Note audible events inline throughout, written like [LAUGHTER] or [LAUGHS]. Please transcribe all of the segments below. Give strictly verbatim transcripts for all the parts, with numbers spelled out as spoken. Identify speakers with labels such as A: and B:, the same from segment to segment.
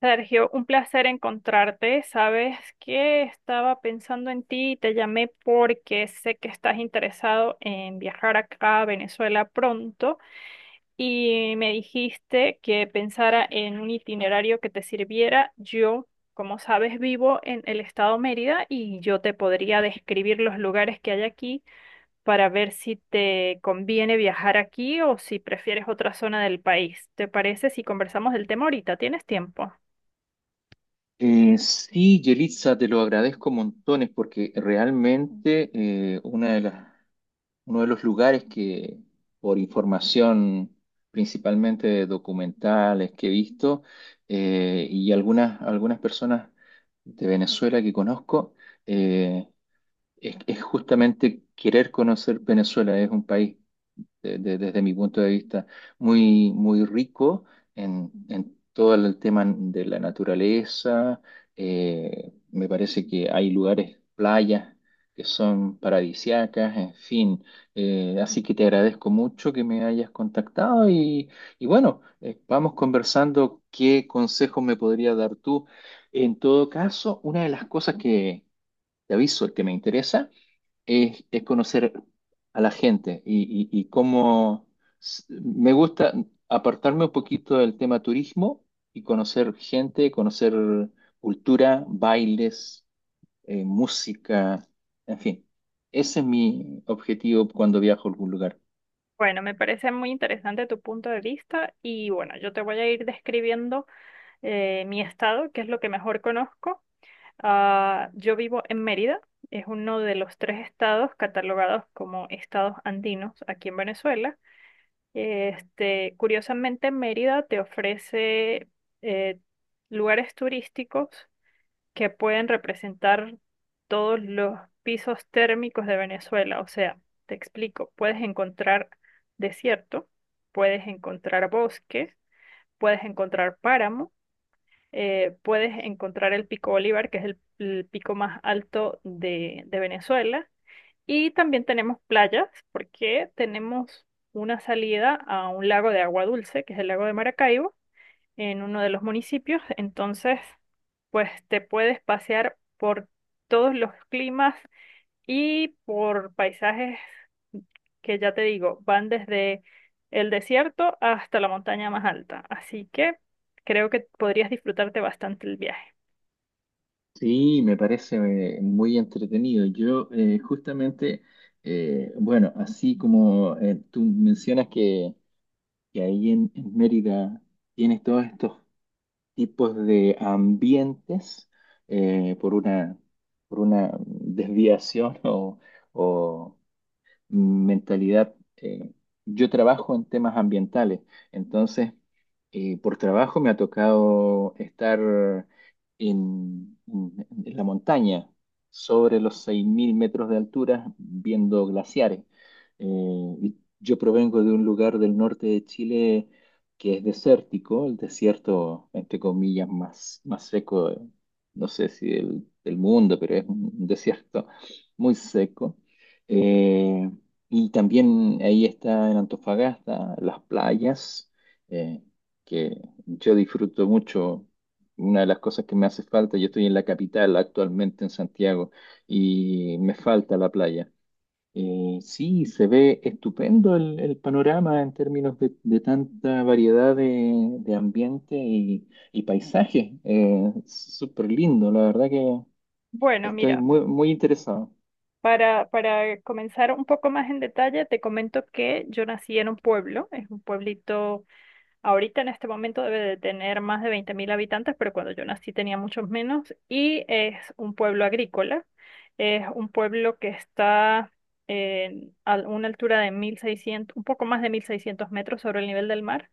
A: Sergio, un placer encontrarte. Sabes que estaba pensando en ti y te llamé porque sé que estás interesado en viajar acá a Venezuela pronto y me dijiste que pensara en un itinerario que te sirviera. Yo, como sabes, vivo en el estado Mérida y yo te podría describir los lugares que hay aquí para ver si te conviene viajar aquí o si prefieres otra zona del país. ¿Te parece si conversamos del tema ahorita? ¿Tienes tiempo?
B: Eh, sí, Yelitza, te lo agradezco montones porque realmente eh, una de las, uno de los lugares que, por información principalmente de documentales que he visto eh, y algunas, algunas personas de Venezuela que conozco, eh, es, es justamente querer conocer Venezuela. Es un país de- de- desde mi punto de vista, muy, muy rico en, en todo el tema de la naturaleza. Eh, me parece que hay lugares, playas que son paradisiacas, en fin. Eh, así que te agradezco mucho que me hayas contactado y, y bueno, eh, vamos conversando qué consejos me podría dar tú. En todo caso, una de las cosas que te aviso, que me interesa, es, es conocer a la gente y, y, y cómo s- me gusta apartarme un poquito del tema turismo y conocer gente, conocer cultura, bailes, eh, música, en fin. Ese es mi objetivo cuando viajo a algún lugar.
A: Bueno, me parece muy interesante tu punto de vista y bueno, yo te voy a ir describiendo eh, mi estado, que es lo que mejor conozco. Ah, yo vivo en Mérida, es uno de los tres estados catalogados como estados andinos aquí en Venezuela. Este, curiosamente, Mérida te ofrece eh, lugares turísticos que pueden representar todos los pisos térmicos de Venezuela. O sea, te explico, puedes encontrar desierto, puedes encontrar bosques, puedes encontrar páramo, eh, puedes encontrar el Pico Bolívar, que es el, el pico más alto de, de Venezuela. Y también tenemos playas, porque tenemos una salida a un lago de agua dulce, que es el lago de Maracaibo en uno de los municipios, entonces pues te puedes pasear por todos los climas y por paisajes que ya te digo, van desde el desierto hasta la montaña más alta, así que creo que podrías disfrutarte bastante el viaje.
B: Sí, me parece eh, muy entretenido. Yo eh, justamente, eh, bueno, así como eh, tú mencionas que, que ahí en, en Mérida tienes todos estos tipos de ambientes eh, por una, por una desviación [LAUGHS] o, o mentalidad. Eh, yo trabajo en temas ambientales, entonces eh, por trabajo me ha tocado estar en, en- en la montaña, sobre los seis mil metros de altura, viendo glaciares. Eh, y yo provengo de un lugar del norte de Chile que es desértico, el desierto, entre comillas, más, más seco, eh, no sé si del, del mundo, pero es un desierto muy seco. Eh, y también ahí está en Antofagasta, las playas, eh, que yo disfruto mucho. Una de las cosas que me hace falta, yo estoy en la capital actualmente en Santiago y me falta la playa. Eh, sí, se ve estupendo el, el panorama en términos de, de tanta variedad de, de ambiente y, y paisaje. Eh, súper lindo, la verdad que
A: Bueno,
B: estoy
A: mira,
B: muy, muy interesado.
A: para, para comenzar un poco más en detalle, te comento que yo nací en un pueblo, es un pueblito. Ahorita en este momento debe de tener más de veinte mil habitantes, pero cuando yo nací tenía muchos menos. Y es un pueblo agrícola. Es un pueblo que está en- a una altura de mil seiscientos, un poco más de mil seiscientos metros sobre el nivel del mar.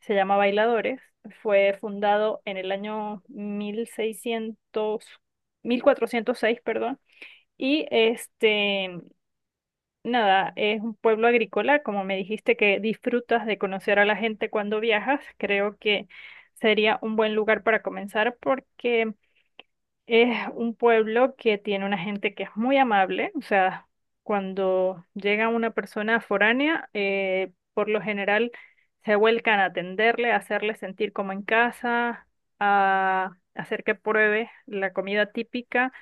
A: Se llama Bailadores. Fue fundado en el año mil mil seiscientos mil cuatrocientos seis, perdón. Y este, nada, es un pueblo agrícola, como me dijiste que disfrutas de conocer a la gente cuando viajas, creo que sería un buen lugar para comenzar porque es un pueblo que tiene una gente que es muy amable, o sea, cuando llega una persona foránea, eh, por lo general se vuelcan a atenderle, a hacerle sentir como en casa, a hacer que pruebe la comida típica,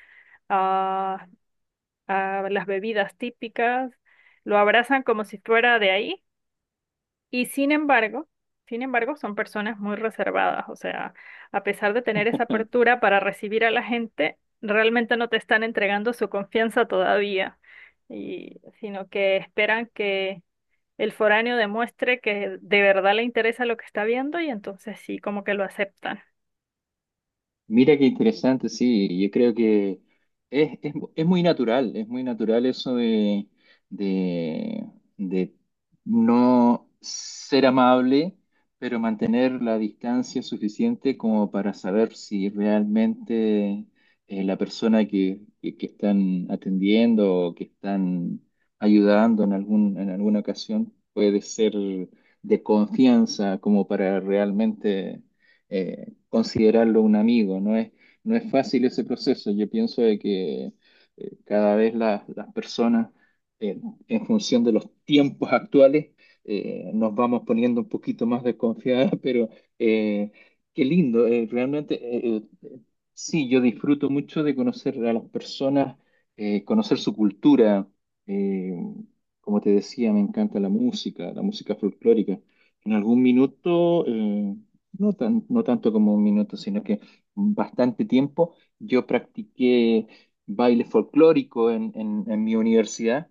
A: a a las bebidas típicas, lo abrazan como si fuera de ahí y sin embargo, sin embargo, son personas muy reservadas, o sea, a pesar de tener esa apertura para recibir a la gente, realmente no te están entregando su confianza todavía, y, sino que esperan que el foráneo demuestre que de verdad le interesa lo que está viendo y entonces sí, como que lo aceptan.
B: Mira qué interesante, sí, yo creo que es, es, es muy natural, es muy natural eso de, de, de no ser amable, pero mantener la distancia suficiente como para saber si realmente eh, la persona que, que, que están atendiendo o que están ayudando en algún, en alguna ocasión puede ser de confianza como para realmente... eh, considerarlo un amigo. No es, no es fácil ese proceso. Yo pienso de que eh, cada vez la- las personas, eh, en función de los tiempos actuales, eh, nos vamos poniendo un poquito más desconfiadas, [LAUGHS] pero eh, qué lindo. Eh, realmente, eh, eh, sí, yo disfruto mucho de conocer a las personas, eh, conocer su cultura. eh, Como te decía, me encanta la música, la música folclórica. En algún minuto, eh, no tan, no tanto como un minuto, sino que bastante tiempo. Yo practiqué baile folclórico en, en- en mi universidad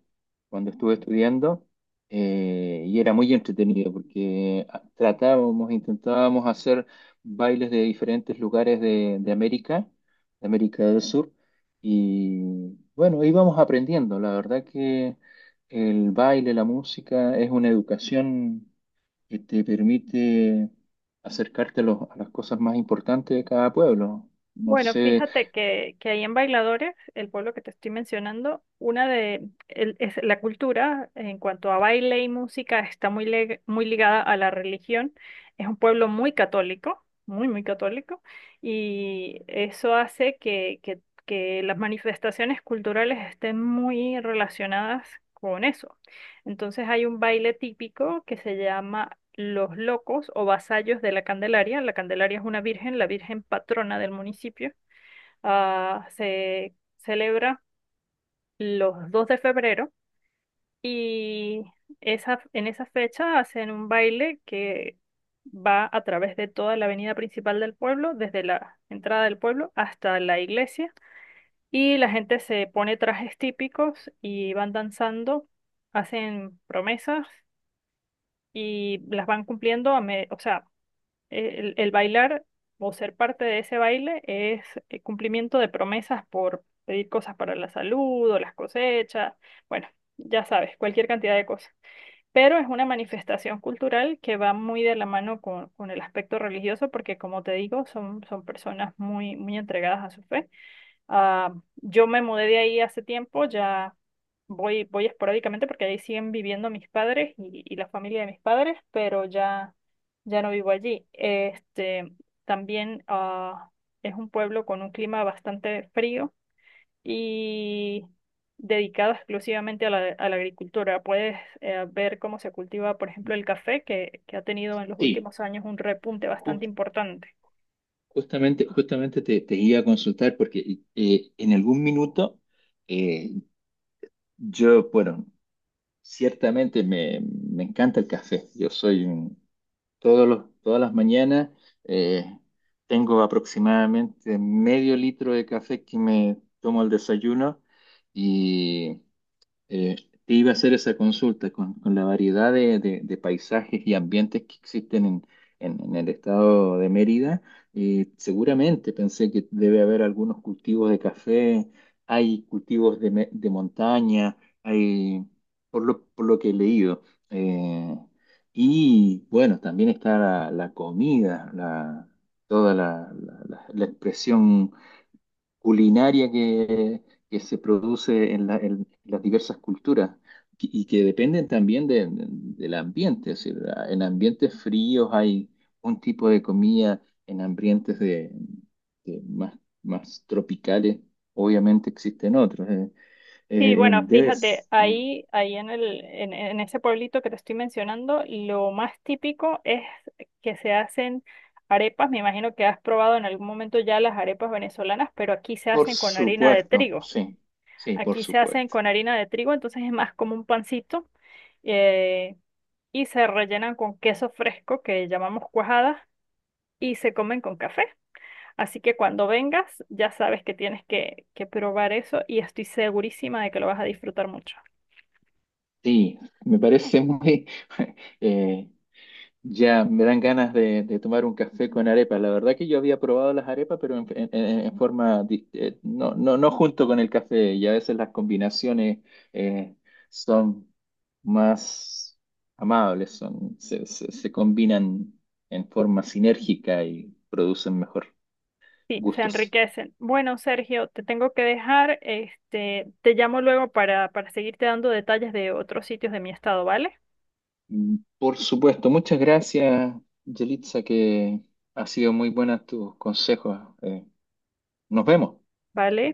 B: cuando estuve estudiando eh, y era muy entretenido porque ah, tratábamos, intentábamos hacer bailes de diferentes lugares de, de América, de América del Sur y bueno, íbamos aprendiendo. La verdad que el baile, la música es una educación que te permite acercarte a, los- a las cosas más importantes de cada pueblo. No
A: Bueno,
B: sé,
A: fíjate que, que ahí en Bailadores, el pueblo que te estoy mencionando, una de el- es la cultura en cuanto a baile y música está muy, leg- muy ligada a la religión. Es un pueblo muy católico, muy, muy católico, y eso hace que, que, que las manifestaciones culturales estén muy relacionadas con eso. Entonces hay un baile típico que se llama Los Locos o Vasallos de la Candelaria. La Candelaria es una virgen, la virgen patrona del municipio, ah, se celebra los dos de febrero y esa, en esa fecha hacen un baile que va a través de toda la avenida principal del pueblo, desde la entrada del pueblo hasta la iglesia. Y la gente se pone trajes típicos y van danzando, hacen promesas y las van cumpliendo a me- o sea, el, el bailar o ser parte de ese baile es eh, cumplimiento de promesas por pedir cosas para la salud o las cosechas, bueno, ya sabes, cualquier cantidad de cosas. Pero es una manifestación cultural que va muy de la mano con, con el aspecto religioso porque, como te digo, son, son personas muy, muy entregadas a su fe. Ah, yo me mudé de ahí hace tiempo, ya voy, voy esporádicamente porque ahí siguen viviendo mis padres y, y la familia de mis padres, pero ya, ya no vivo allí. Este, también ah, es un pueblo con un clima bastante frío y dedicado exclusivamente a la, a la agricultura. Puedes eh, ver cómo se cultiva, por ejemplo, el café, que, que ha tenido en los
B: sí,
A: últimos años un repunte bastante
B: jus-
A: importante.
B: justamente, justamente te, te iba a consultar porque eh, en algún minuto eh, yo, bueno, ciertamente me, me encanta el café. Yo soy un- todos los, todas las mañanas eh, tengo aproximadamente medio litro de café que me tomo al desayuno y Eh, te iba a hacer esa consulta con, con la variedad de, de- de paisajes y ambientes que existen en, en- en el estado de Mérida. Eh, seguramente pensé que debe haber algunos cultivos de café, hay cultivos de, me- de montaña, hay, por lo, por lo que he leído. Eh, y bueno, también está la, la comida, la, toda la, la la- la expresión culinaria que, que se produce en, la- en las diversas culturas que- y que dependen también de- del ambiente. Es decir, en ambientes fríos hay un tipo de comida, en ambientes de, de más, más tropicales obviamente existen otros. eh.
A: Sí,
B: Eh,
A: bueno, fíjate,
B: debes,
A: ahí, ahí en el, en, en ese pueblito que te estoy mencionando, lo más típico es que se hacen arepas. Me imagino que has probado en algún momento ya las arepas venezolanas, pero aquí se
B: por
A: hacen con harina de
B: supuesto,
A: trigo.
B: sí, sí, por
A: Aquí se hacen
B: supuesto.
A: con harina de trigo, entonces es más como un pancito, eh, y se rellenan con queso fresco que llamamos cuajada y se comen con café. Así que cuando vengas, ya sabes que tienes que, que probar eso y estoy segurísima de que lo vas a disfrutar mucho.
B: Sí, me parece muy... [LAUGHS] eh, Ya, me dan ganas de, de tomar un café con arepa. La verdad que yo había probado las arepas, pero en, en- en- en forma, di- eh, no, no, no junto con el café. Y a veces las combinaciones eh, son más amables, son, se, se- se combinan en forma sinérgica y producen mejor
A: Sí, se
B: gustos.
A: enriquecen. Bueno, Sergio, te tengo que dejar. Este, te llamo luego para, para seguirte dando detalles de otros sitios de mi estado, ¿vale?
B: Mm, por supuesto, muchas gracias, Yelitza, que ha sido muy buena tus consejos. Eh, nos vemos.
A: Vale.